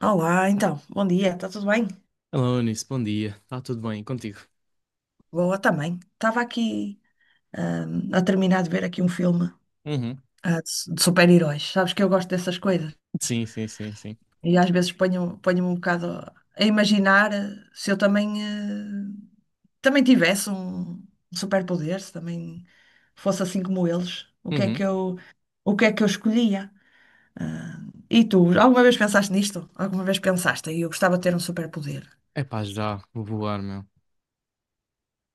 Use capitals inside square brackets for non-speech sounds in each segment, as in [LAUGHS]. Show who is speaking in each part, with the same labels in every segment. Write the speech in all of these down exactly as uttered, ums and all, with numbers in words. Speaker 1: Olá, então, bom dia, está tudo bem?
Speaker 2: Alô, Eunice, bom dia. Está tudo bem contigo?
Speaker 1: Boa também. Estava aqui hum, a terminar de ver aqui um filme
Speaker 2: Uhum.
Speaker 1: ah, de, su- de super-heróis. Sabes que eu gosto dessas coisas.
Speaker 2: Sim, sim, sim, sim.
Speaker 1: E às vezes ponho, ponho-me um bocado a imaginar eh, se eu também, eh, também tivesse um superpoder, se também fosse assim como eles, o que é
Speaker 2: Uhum.
Speaker 1: que eu, o que é que eu escolhia? E tu, alguma vez pensaste nisto? Alguma vez pensaste? E eu gostava de ter um superpoder.
Speaker 2: É pá, já, vou voar, meu.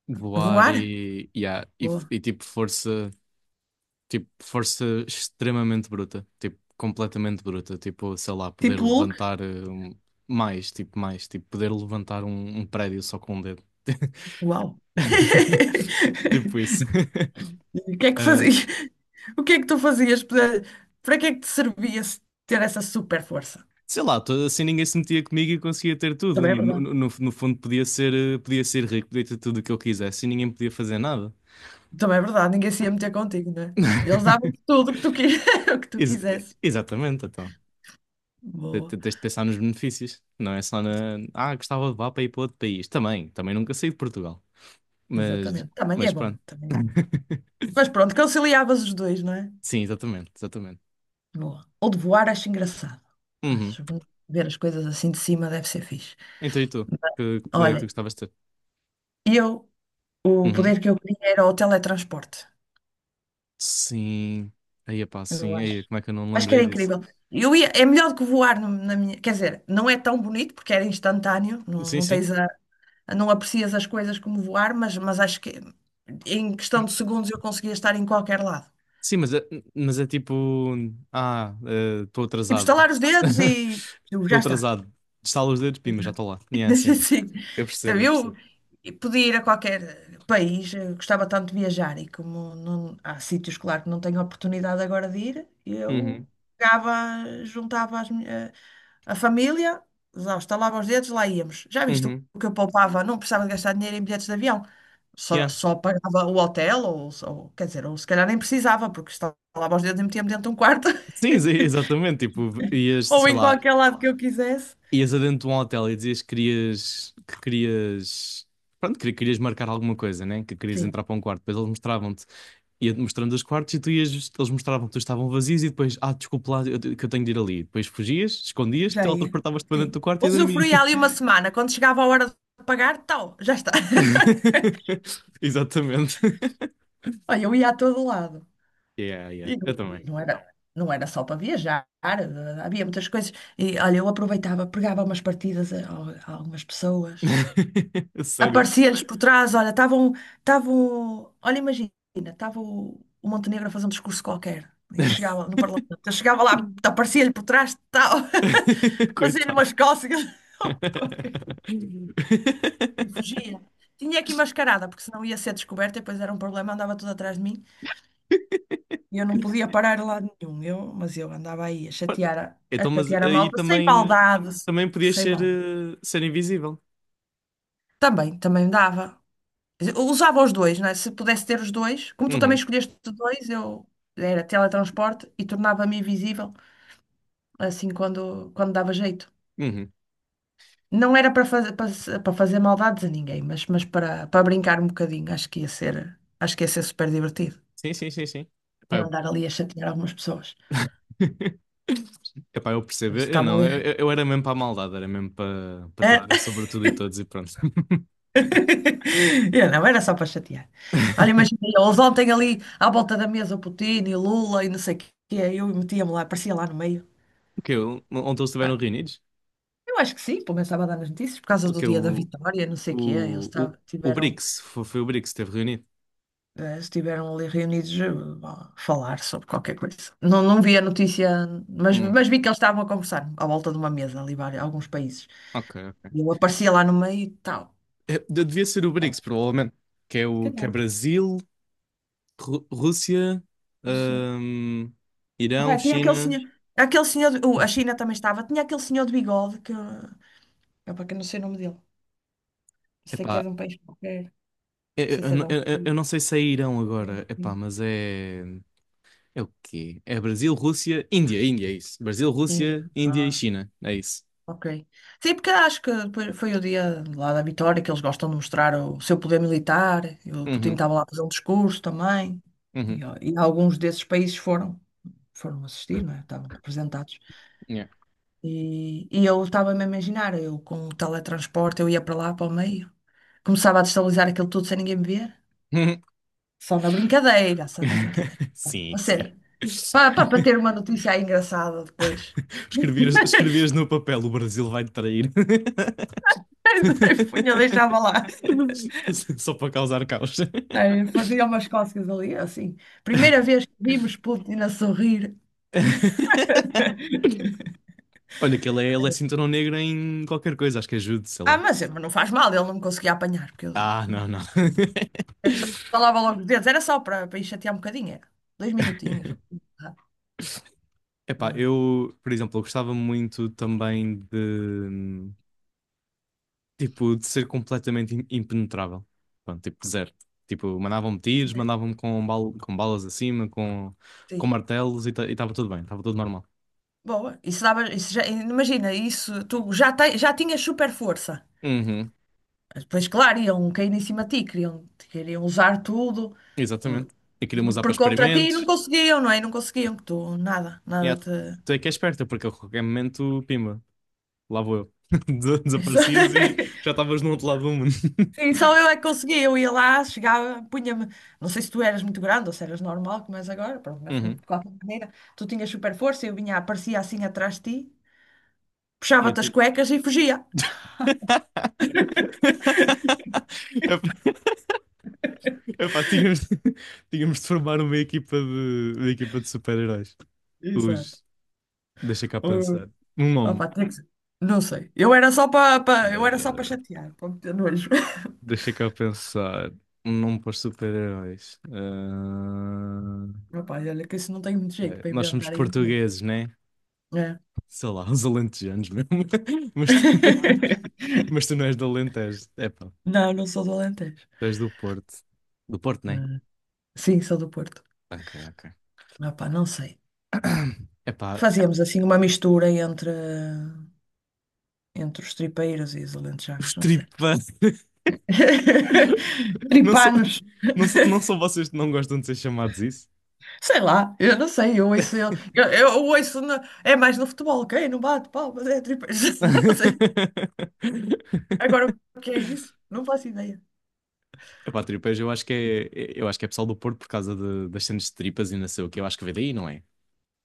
Speaker 2: Voar
Speaker 1: Voar?
Speaker 2: e, yeah, e, f-
Speaker 1: Boa.
Speaker 2: e tipo força, tipo força extremamente bruta, tipo completamente bruta, tipo, sei lá, poder
Speaker 1: Tipo Hulk?
Speaker 2: levantar eh, um- mais, tipo mais, tipo poder levantar um, um prédio só com um dedo.
Speaker 1: Uau!
Speaker 2: [LAUGHS]
Speaker 1: [LAUGHS]
Speaker 2: Tipo isso. [LAUGHS]
Speaker 1: O que é que fazias? [LAUGHS] O que é que tu fazias? Para para que é que te servia se ter essa super força?
Speaker 2: Sei lá, to- assim ninguém se metia comigo e eu conseguia ter tudo.
Speaker 1: Também é
Speaker 2: No,
Speaker 1: verdade.
Speaker 2: no, no- no fundo podia ser, eh, podia ser rico, podia ter tudo o que eu quisesse e ninguém podia fazer nada.
Speaker 1: Também é verdade, ninguém se ia meter contigo, não é? Eles davam-te
Speaker 2: [LAUGHS]
Speaker 1: tudo o que tu, qui- [LAUGHS] o que tu
Speaker 2: Ex-
Speaker 1: quisesse.
Speaker 2: exatamente, então. Te-
Speaker 1: Boa,
Speaker 2: te- Tens de pensar nos benefícios. Não é só na. Ah, gostava de levar para ir para outro país. Também, também nunca saí de Portugal. Mas,
Speaker 1: exatamente. Também é
Speaker 2: mas
Speaker 1: bom,
Speaker 2: pronto.
Speaker 1: também é bom.
Speaker 2: [LAUGHS]
Speaker 1: Mas pronto, conciliavas os dois, não é?
Speaker 2: Sim, exatamente, exatamente.
Speaker 1: Boa. Ou de voar, acho engraçado.
Speaker 2: Uhum.
Speaker 1: Acho bonito. Ver as coisas assim de cima deve ser fixe.
Speaker 2: Então e tu? Que, que poder é que tu
Speaker 1: Olha,
Speaker 2: gostavas de ter?
Speaker 1: eu, o
Speaker 2: Uhum.
Speaker 1: poder que eu queria era o teletransporte.
Speaker 2: Sim. Aí, pá,
Speaker 1: Eu
Speaker 2: sim.
Speaker 1: acho.
Speaker 2: Aí, como é que eu não me
Speaker 1: Acho que
Speaker 2: lembrei
Speaker 1: era
Speaker 2: disso?
Speaker 1: incrível. Eu ia, é melhor do que voar no- na minha. Quer dizer, não é tão bonito porque era instantâneo, não,
Speaker 2: Sim,
Speaker 1: não
Speaker 2: sim.
Speaker 1: tens a, não aprecias as coisas como voar, mas, mas acho que em questão de segundos eu conseguia estar em qualquer lado.
Speaker 2: Sim, mas é, mas é tipo. Ah, estou
Speaker 1: Tipo,
Speaker 2: atrasado.
Speaker 1: estalar os dedos e
Speaker 2: [LAUGHS]
Speaker 1: eu,
Speaker 2: Estou
Speaker 1: já está.
Speaker 2: atrasado. Estalo os dedos, pima, já estou lá. E é assim.
Speaker 1: [LAUGHS] Sim.
Speaker 2: Eu
Speaker 1: Então,
Speaker 2: percebo, eu
Speaker 1: eu
Speaker 2: percebo.
Speaker 1: podia ir a qualquer país, eu gostava tanto de viajar e como não- há sítios, claro, que não tenho oportunidade agora de ir, eu
Speaker 2: Uhum,
Speaker 1: pegava, juntava as mi- a, a família, lá estalava os dedos, lá íamos. Já viste
Speaker 2: uhum.
Speaker 1: o que eu poupava? Não precisava de gastar dinheiro em bilhetes de avião, só,
Speaker 2: Yeah.
Speaker 1: só pagava o hotel, ou, ou quer dizer, ou se calhar nem precisava, porque estalava os dedos e metia-me dentro de um quarto [LAUGHS]
Speaker 2: Sim, sim, exatamente. Tipo, ias,
Speaker 1: ou
Speaker 2: sei
Speaker 1: em
Speaker 2: lá,
Speaker 1: qualquer lado que eu quisesse.
Speaker 2: ias adentro de um hotel e dizias que querias, que querias, pronto, que querias marcar alguma coisa, né? Que querias entrar para um quarto. Depois eles mostravam-te, ia-te mostrando os quartos e tu ias, eles mostravam que estavam vazios e depois, ah, desculpa lá, eu te- que eu tenho de ir ali. Depois fugias, escondias,
Speaker 1: Já ia.
Speaker 2: teletransportavas-te para dentro
Speaker 1: Sim.
Speaker 2: do quarto e dormias.
Speaker 1: Usufruía ali uma semana. Quando chegava a hora de pagar, tal, já está. [LAUGHS]
Speaker 2: [LAUGHS] Exatamente.
Speaker 1: Olha, eu ia a todo lado.
Speaker 2: Yeah, yeah.
Speaker 1: E não,
Speaker 2: Eu
Speaker 1: e
Speaker 2: também.
Speaker 1: não era, não era só para viajar, eh, havia muitas coisas. E olha, eu aproveitava, pegava umas partidas a, a algumas pessoas.
Speaker 2: [LAUGHS] Sério.
Speaker 1: Aparecia-lhes por trás, olha, estavam, estavam, olha, imagina, estava o, o Montenegro a fazer um discurso qualquer. E eu chegava no Parlamento, eu chegava lá,
Speaker 2: [LAUGHS]
Speaker 1: aparecia-lhe por trás, tal, [LAUGHS] fazia-lhe
Speaker 2: Coitado.
Speaker 1: umas cócegas. [LAUGHS] E fugia. Tinha aqui mascarada, porque senão ia ser descoberta e depois era um problema, andava tudo atrás de mim e eu não podia parar a lado nenhum. Eu, mas eu andava aí a
Speaker 2: Olha,
Speaker 1: chatear a, a
Speaker 2: então, mas
Speaker 1: chatear a
Speaker 2: aí
Speaker 1: malta sem
Speaker 2: também,
Speaker 1: maldade,
Speaker 2: também podias
Speaker 1: sem
Speaker 2: ser,
Speaker 1: mal.
Speaker 2: eh, ser invisível.
Speaker 1: Também, também dava. Quer dizer, eu usava os dois, não é? Se pudesse ter os dois, como tu também
Speaker 2: Uhum,
Speaker 1: escolheste dois, eu era teletransporte e tornava-me invisível assim quando, quando dava jeito.
Speaker 2: uhum.
Speaker 1: Não era para fazer, para, se- para fazer maldades a ninguém, mas, mas para, para brincar um bocadinho, acho que ia ser, acho que ia ser super divertido.
Speaker 2: Sim, sim, sim, sim. Epá,
Speaker 1: Em
Speaker 2: eu...
Speaker 1: andar ali a chatear algumas pessoas.
Speaker 2: [LAUGHS] Epá, eu percebo.
Speaker 1: Eles
Speaker 2: Eu eu
Speaker 1: estavam
Speaker 2: não, eu,
Speaker 1: ali.
Speaker 2: eu eu era mesmo para a maldade, era mesmo para para ter
Speaker 1: Hã?
Speaker 2: poder sobre tudo e todos e pronto.
Speaker 1: [LAUGHS] Eu não, era só para chatear. Olha, imagina,
Speaker 2: [LAUGHS]
Speaker 1: eles ontem ali à volta da mesa, o Putin e o Lula e não sei o quê, eu metia-me lá, aparecia lá no meio.
Speaker 2: O que ontem eles estiveram
Speaker 1: Ah,
Speaker 2: reunidos?
Speaker 1: eu acho que sim, pelo menos estava a dar nas notícias, por causa
Speaker 2: O
Speaker 1: do
Speaker 2: que
Speaker 1: dia da vitória, não sei o quê, eles
Speaker 2: O, o,
Speaker 1: estavam-
Speaker 2: o
Speaker 1: tiveram,
Speaker 2: BRICS, foi, foi o BRICS que esteve reunido.
Speaker 1: eh, estiveram ali reunidos eh, a falar sobre qualquer coisa. Não, não vi a notícia, mas,
Speaker 2: Hum,
Speaker 1: mas vi que eles estavam a conversar à volta de uma mesa ali, vários- alguns países.
Speaker 2: ok, ok.
Speaker 1: E eu aparecia lá no meio e tal.
Speaker 2: É, de- devia ser o
Speaker 1: Ah,
Speaker 2: BRICS, provavelmente. Que é,
Speaker 1: se
Speaker 2: o, que é
Speaker 1: calhar,
Speaker 2: Brasil, Ru- Rússia,
Speaker 1: Rússia.
Speaker 2: hum, Irão,
Speaker 1: Opa, tinha aquele
Speaker 2: China.
Speaker 1: senhor, aquele senhor, de- uh, a China também estava, tinha aquele senhor de bigode que, opa, que eu não sei o nome dele, sei que é
Speaker 2: Epá,
Speaker 1: de um país qualquer, não
Speaker 2: eu, eu,
Speaker 1: sei se é de um
Speaker 2: eu- eu-
Speaker 1: país,
Speaker 2: eu não sei se é Irão agora, epá, mas é. É o quê? É Brasil, Rússia, Índia, Índia, é isso. Brasil,
Speaker 1: Índia.
Speaker 2: Rússia, Índia e
Speaker 1: Ah,
Speaker 2: China, é isso.
Speaker 1: ok. Sim, porque acho que depois foi o dia lá da vitória que eles gostam de mostrar o seu poder militar, e o Putin
Speaker 2: Uhum,
Speaker 1: estava lá a fazer um discurso também,
Speaker 2: uhum,
Speaker 1: e, ó, e alguns desses países foram, foram, assistir, não é? Estavam representados.
Speaker 2: yeah.
Speaker 1: E, e eu estava-me a imaginar, eu com o teletransporte, eu ia para lá, para o meio. Começava a destabilizar aquilo tudo sem ninguém me ver. Só na brincadeira, só na brincadeira.
Speaker 2: [LAUGHS] Sim,
Speaker 1: A
Speaker 2: sim.
Speaker 1: sério. Para, para, para ter
Speaker 2: [LAUGHS]
Speaker 1: uma notícia aí engraçada depois.
Speaker 2: [LAUGHS] Escrevias, escrevias
Speaker 1: [LAUGHS]
Speaker 2: no papel: o Brasil vai te trair.
Speaker 1: Punha, deixava
Speaker 2: [LAUGHS]
Speaker 1: lá.
Speaker 2: Só para causar caos. [LAUGHS]
Speaker 1: Ai, fazia umas cócegas ali, assim. Primeira vez que vimos Putin a sorrir.
Speaker 2: Olha, que ele é, ele é cinturão negro em qualquer coisa, acho que ajude, sei
Speaker 1: Ah,
Speaker 2: lá.
Speaker 1: mas mas não faz mal, ele não me conseguia apanhar, porque eu
Speaker 2: Ah, não, não. [LAUGHS]
Speaker 1: estalava logo os dedos. Era só para, para ir chatear um bocadinho, era. Dois minutinhos. Ah,
Speaker 2: Epá,
Speaker 1: ah,
Speaker 2: eu, por exemplo, eu gostava muito também de, tipo, de ser completamente im- impenetrável. Pronto, tipo, zero. Tipo, mandavam-me tiros, mandavam-me com, bal com balas acima, com, com
Speaker 1: sim.
Speaker 2: martelos e estava tudo bem, estava tudo normal.
Speaker 1: Boa, isso dava, isso já, imagina, isso tu já, te- já tinhas super força.
Speaker 2: Uhum,
Speaker 1: Mas depois, claro, iam cair em cima de ti, queriam, queriam usar tudo uh,
Speaker 2: exatamente. E queria usar para
Speaker 1: por contra ti e não
Speaker 2: experimentos.
Speaker 1: conseguiam, não é? E não conseguiam que tu nada,
Speaker 2: Yeah,
Speaker 1: nada te.
Speaker 2: tu é que é esperta, porque a qualquer momento, pimba, lá vou eu. [LAUGHS] Des-
Speaker 1: Isso- [LAUGHS]
Speaker 2: Desaparecias e já estavas no outro lado do mundo.
Speaker 1: Sim, só eu é que conseguia. Eu ia lá, chegava, punha-me. Não sei se tu eras muito grande ou se eras normal, como és agora, pronto, mas
Speaker 2: Uhum.
Speaker 1: de qualquer maneira, tu tinhas super força, eu vinha, aparecia assim atrás de ti,
Speaker 2: E eu
Speaker 1: puxava-te as
Speaker 2: ti-
Speaker 1: cuecas e fugia.
Speaker 2: [LAUGHS] Epá, epá, tínhamos, [LAUGHS] tínhamos de formar uma equipa de, uma equipa de super-heróis.
Speaker 1: Exato.
Speaker 2: Os, deixa cá pensar. Um nome.
Speaker 1: Opa, tem que ser- Não sei. Eu era só para eu era só para
Speaker 2: Eh,
Speaker 1: chatear, para meter nojo. [LAUGHS]
Speaker 2: deixa cá pensar. Um nome para os super-heróis.
Speaker 1: Opa, olha que isso não tem muito
Speaker 2: Eh,
Speaker 1: jeito
Speaker 2: ok.
Speaker 1: para
Speaker 2: Nós somos
Speaker 1: inventar aí. Não.
Speaker 2: portugueses, né?
Speaker 1: É.
Speaker 2: Sei lá, uns alentejanos mesmo. [LAUGHS] Mas tu,
Speaker 1: [LAUGHS]
Speaker 2: [LAUGHS] mas tu não és do Alentejo. Epá,
Speaker 1: Não, não sou do Alentejo.
Speaker 2: tu és do Porto. Do Porto, né?
Speaker 1: Ah, sim, sou do Porto.
Speaker 2: Ok, ok.
Speaker 1: Opa, não sei.
Speaker 2: [CLEARS THROAT] Epá,
Speaker 1: Fazíamos assim uma mistura entre, entre os tripeiros e os
Speaker 2: os
Speaker 1: alentejanos, não sei.
Speaker 2: tripas. [LAUGHS]
Speaker 1: [LAUGHS]
Speaker 2: Não são,
Speaker 1: Tripanos,
Speaker 2: não são, não são vocês que não gostam de ser chamados isso?
Speaker 1: sei lá, eu não sei, eu ouço ele, eu, eu ouço, na- é mais no futebol, ok? Não bate palmas, é tripeiros, [LAUGHS] não sei.
Speaker 2: [LAUGHS]
Speaker 1: Agora o que é isso? Não faço ideia.
Speaker 2: Epá, tripas, eu acho que é, eu acho que é pessoal do Porto por causa de- das cenas de tripas e não sei o que. Eu acho que veio daí, não é?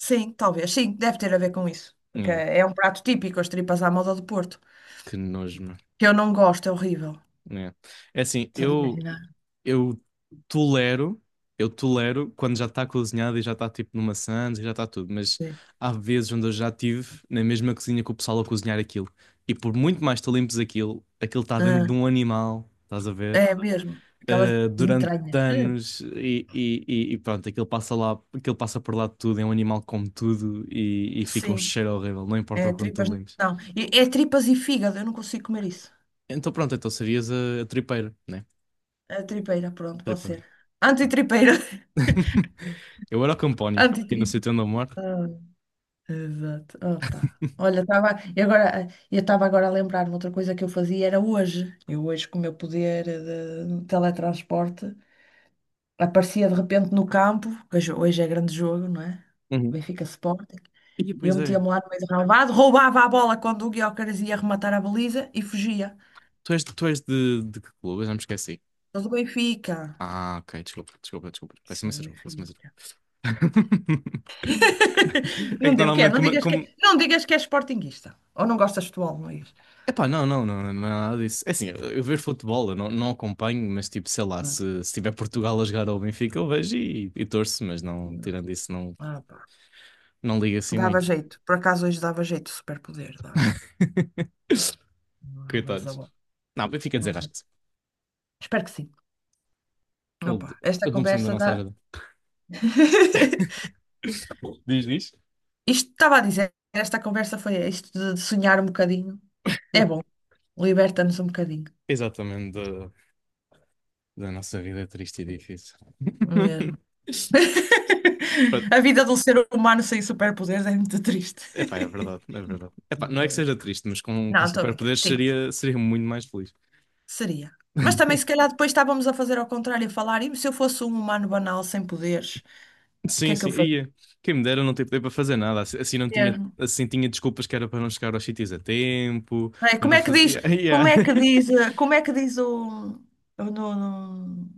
Speaker 1: Sim, talvez. Sim, deve ter a ver com isso. Porque
Speaker 2: É.
Speaker 1: é um prato típico, as tripas à moda do Porto.
Speaker 2: Que nojo, mano.
Speaker 1: Que eu não gosto, é horrível.
Speaker 2: É. É assim,
Speaker 1: Só de
Speaker 2: eu,
Speaker 1: imaginar.
Speaker 2: eu tolero, eu tolero quando já está cozinhada e já está tipo numa sandes e já está tudo, mas
Speaker 1: Sim.
Speaker 2: há vezes onde eu já tive na mesma cozinha que o pessoal a cozinhar aquilo. E por muito mais tu limpes aquilo, aquilo está dentro
Speaker 1: Ah,
Speaker 2: de um animal, estás a ver?
Speaker 1: é mesmo. Aquelas
Speaker 2: Uh, durante
Speaker 1: entranhas. Eh.
Speaker 2: anos e, e, e- e pronto, aquilo passa lá, aquilo passa por lá de tudo, é um animal que come tudo e, e fica um
Speaker 1: Sim,
Speaker 2: cheiro horrível, não
Speaker 1: é
Speaker 2: importa o quanto
Speaker 1: tripas
Speaker 2: tu limpes.
Speaker 1: não. E- É tripas e fígado, eu não consigo comer isso.
Speaker 2: Então pronto, então serias a, a tripeira, né?
Speaker 1: É tripeira, pronto, pode
Speaker 2: Tripeira.
Speaker 1: ser.
Speaker 2: Pronto.
Speaker 1: Antitripeira. [LAUGHS]
Speaker 2: [LAUGHS] Eu era o campónio, aqui no
Speaker 1: Antitripa.
Speaker 2: sítio onde eu moro.
Speaker 1: Ah, exato. Opa. Olha,
Speaker 2: [LAUGHS]
Speaker 1: estava. E agora, eu estava agora a lembrar-me outra coisa que eu fazia era hoje. Eu hoje, com o meu poder de teletransporte, aparecia de repente no campo, que hoje hoje é grande jogo, não é?
Speaker 2: Uhum.
Speaker 1: Benfica Sporting.
Speaker 2: Ih,
Speaker 1: E eu
Speaker 2: pois é.
Speaker 1: metia-me lá no meio do relvado, roubava a bola quando o Gyökeres ia rematar a baliza e fugia.
Speaker 2: Tu és, tu és de, de que clube? Eu já me esqueci.
Speaker 1: Sou do Benfica.
Speaker 2: Ah, ok. Desculpa, desculpa, desculpa. Peço
Speaker 1: Sou do
Speaker 2: imensa desculpa, peço imensa
Speaker 1: Benfica.
Speaker 2: desculpa. [LAUGHS]
Speaker 1: [LAUGHS]
Speaker 2: É
Speaker 1: Não
Speaker 2: que
Speaker 1: deu, o que é?
Speaker 2: normalmente
Speaker 1: Não
Speaker 2: como...
Speaker 1: digas que,
Speaker 2: como...
Speaker 1: é, não digas que és sportinguista. Ou não gostas de futebol, Luís?
Speaker 2: Epá, não, não, não, não é nada disso. É assim, eu, eu vejo futebol, eu não, não acompanho, mas tipo, sei lá,
Speaker 1: Não,
Speaker 2: se, se tiver Portugal a jogar ao Benfica, eu vejo e, e torço, mas não,
Speaker 1: não
Speaker 2: tirando
Speaker 1: gosto.
Speaker 2: isso, não,
Speaker 1: Ah, pá.
Speaker 2: não liga assim
Speaker 1: Dava
Speaker 2: muito.
Speaker 1: jeito. Por acaso hoje dava jeito, superpoder, dava.
Speaker 2: [LAUGHS]
Speaker 1: Não, rouba-lhes a
Speaker 2: Coitados.
Speaker 1: bola.
Speaker 2: Não, Benfica
Speaker 1: Hum.
Speaker 2: desenrasca-se.
Speaker 1: Espero que sim. Ah,
Speaker 2: Ele,
Speaker 1: pá. Esta
Speaker 2: ele não precisa da
Speaker 1: conversa
Speaker 2: nossa
Speaker 1: dá.
Speaker 2: ajuda.
Speaker 1: [LAUGHS]
Speaker 2: [LAUGHS] Diz, diz.
Speaker 1: Isto estava a dizer, esta conversa foi isto de de sonhar um bocadinho. É bom, liberta-nos um bocadinho,
Speaker 2: Exatamente, da, da nossa vida é triste e difícil.
Speaker 1: mesmo.
Speaker 2: [LAUGHS] Pronto.
Speaker 1: [LAUGHS] A vida de um ser humano sem superpoderes é muito triste.
Speaker 2: Epá, é verdade, é verdade.
Speaker 1: [LAUGHS]
Speaker 2: Epá,
Speaker 1: Não,
Speaker 2: não é
Speaker 1: tô
Speaker 2: que seja
Speaker 1: brincando.
Speaker 2: triste, mas com, com
Speaker 1: Não, estou a brincar.
Speaker 2: superpoderes
Speaker 1: Sim,
Speaker 2: seria, seria muito mais feliz.
Speaker 1: seria. Mas também, se calhar, depois estávamos a fazer ao contrário, a falar, e se eu fosse um humano banal sem poderes, o que
Speaker 2: Sim,
Speaker 1: é que
Speaker 2: sim,
Speaker 1: eu
Speaker 2: ia. Quem me dera não ter poder para fazer nada. Assim assim não tinha,
Speaker 1: fazia?
Speaker 2: assim tinha desculpas que era para não chegar aos sítios a tempo,
Speaker 1: Não é?
Speaker 2: para
Speaker 1: Como
Speaker 2: não
Speaker 1: é que
Speaker 2: fazer.
Speaker 1: diz,
Speaker 2: Ia ia.
Speaker 1: como é que diz, eh, como é que diz o, o no, no,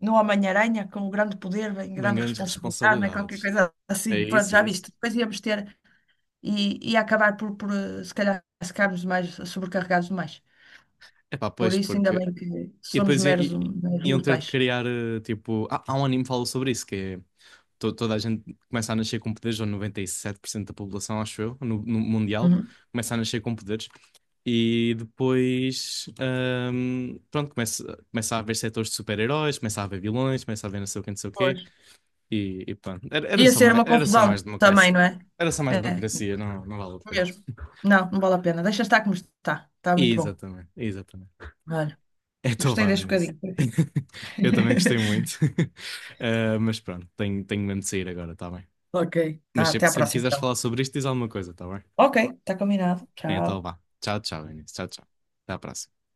Speaker 1: no Homem-Aranha, com grande poder
Speaker 2: [LAUGHS]
Speaker 1: vem
Speaker 2: Bem,
Speaker 1: grande
Speaker 2: grandes
Speaker 1: responsabilidade, não é? Qualquer
Speaker 2: responsabilidades.
Speaker 1: coisa
Speaker 2: É
Speaker 1: assim, pronto,
Speaker 2: isso,
Speaker 1: já
Speaker 2: é isso.
Speaker 1: viste. Depois íamos ter e, e acabar por, por, eh, se calhar, ficarmos mais sobrecarregados demais.
Speaker 2: Epá,
Speaker 1: Por
Speaker 2: pois,
Speaker 1: isso, ainda
Speaker 2: porque.
Speaker 1: bem que
Speaker 2: E
Speaker 1: somos
Speaker 2: depois i-
Speaker 1: meros,
Speaker 2: i-
Speaker 1: hum- meros
Speaker 2: iam ter de
Speaker 1: mortais.
Speaker 2: criar, eh, tipo. Há, há um anime que fala sobre isso, que é. to- toda a gente começa a nascer com poderes, ou noventa e sete por cento da população, acho eu, no, no mundial,
Speaker 1: Uhum.
Speaker 2: começa a nascer com poderes. E depois. Ahm, pronto, começa, começa a haver setores de super-heróis, começa a haver vilões, começa a haver não sei o quê, não sei o
Speaker 1: Pois.
Speaker 2: quê. E, e pronto. Era, era
Speaker 1: Ia
Speaker 2: só
Speaker 1: ser
Speaker 2: mais,
Speaker 1: uma
Speaker 2: era só mais
Speaker 1: confusão também,
Speaker 2: democracia.
Speaker 1: não é?
Speaker 2: Era só mais
Speaker 1: É,
Speaker 2: burocracia, não, não vale a pena.
Speaker 1: mesmo.
Speaker 2: [LAUGHS]
Speaker 1: Não, não vale a pena. Deixa estar como está. Está muito bom.
Speaker 2: Exatamente, exatamente.
Speaker 1: Olha,
Speaker 2: [LAUGHS] É
Speaker 1: gostei
Speaker 2: Tobão
Speaker 1: deste
Speaker 2: nisso.
Speaker 1: bocadinho. Foi fixe.
Speaker 2: [LAUGHS] Eu também gostei
Speaker 1: [LAUGHS]
Speaker 2: muito. [LAUGHS] Ah, mas pronto, tenho, tenho mesmo de sair agora, tá bem?
Speaker 1: Ok. Tá,
Speaker 2: Mas
Speaker 1: até
Speaker 2: sempre,
Speaker 1: à
Speaker 2: sempre
Speaker 1: próxima,
Speaker 2: quiseres
Speaker 1: então.
Speaker 2: falar sobre isto, diz alguma coisa, tá bem?
Speaker 1: Ok, tá combinado.
Speaker 2: Então
Speaker 1: Tchau.
Speaker 2: vá. Tchau, tchau, Inês. Tchau, tchau. Até à próxima.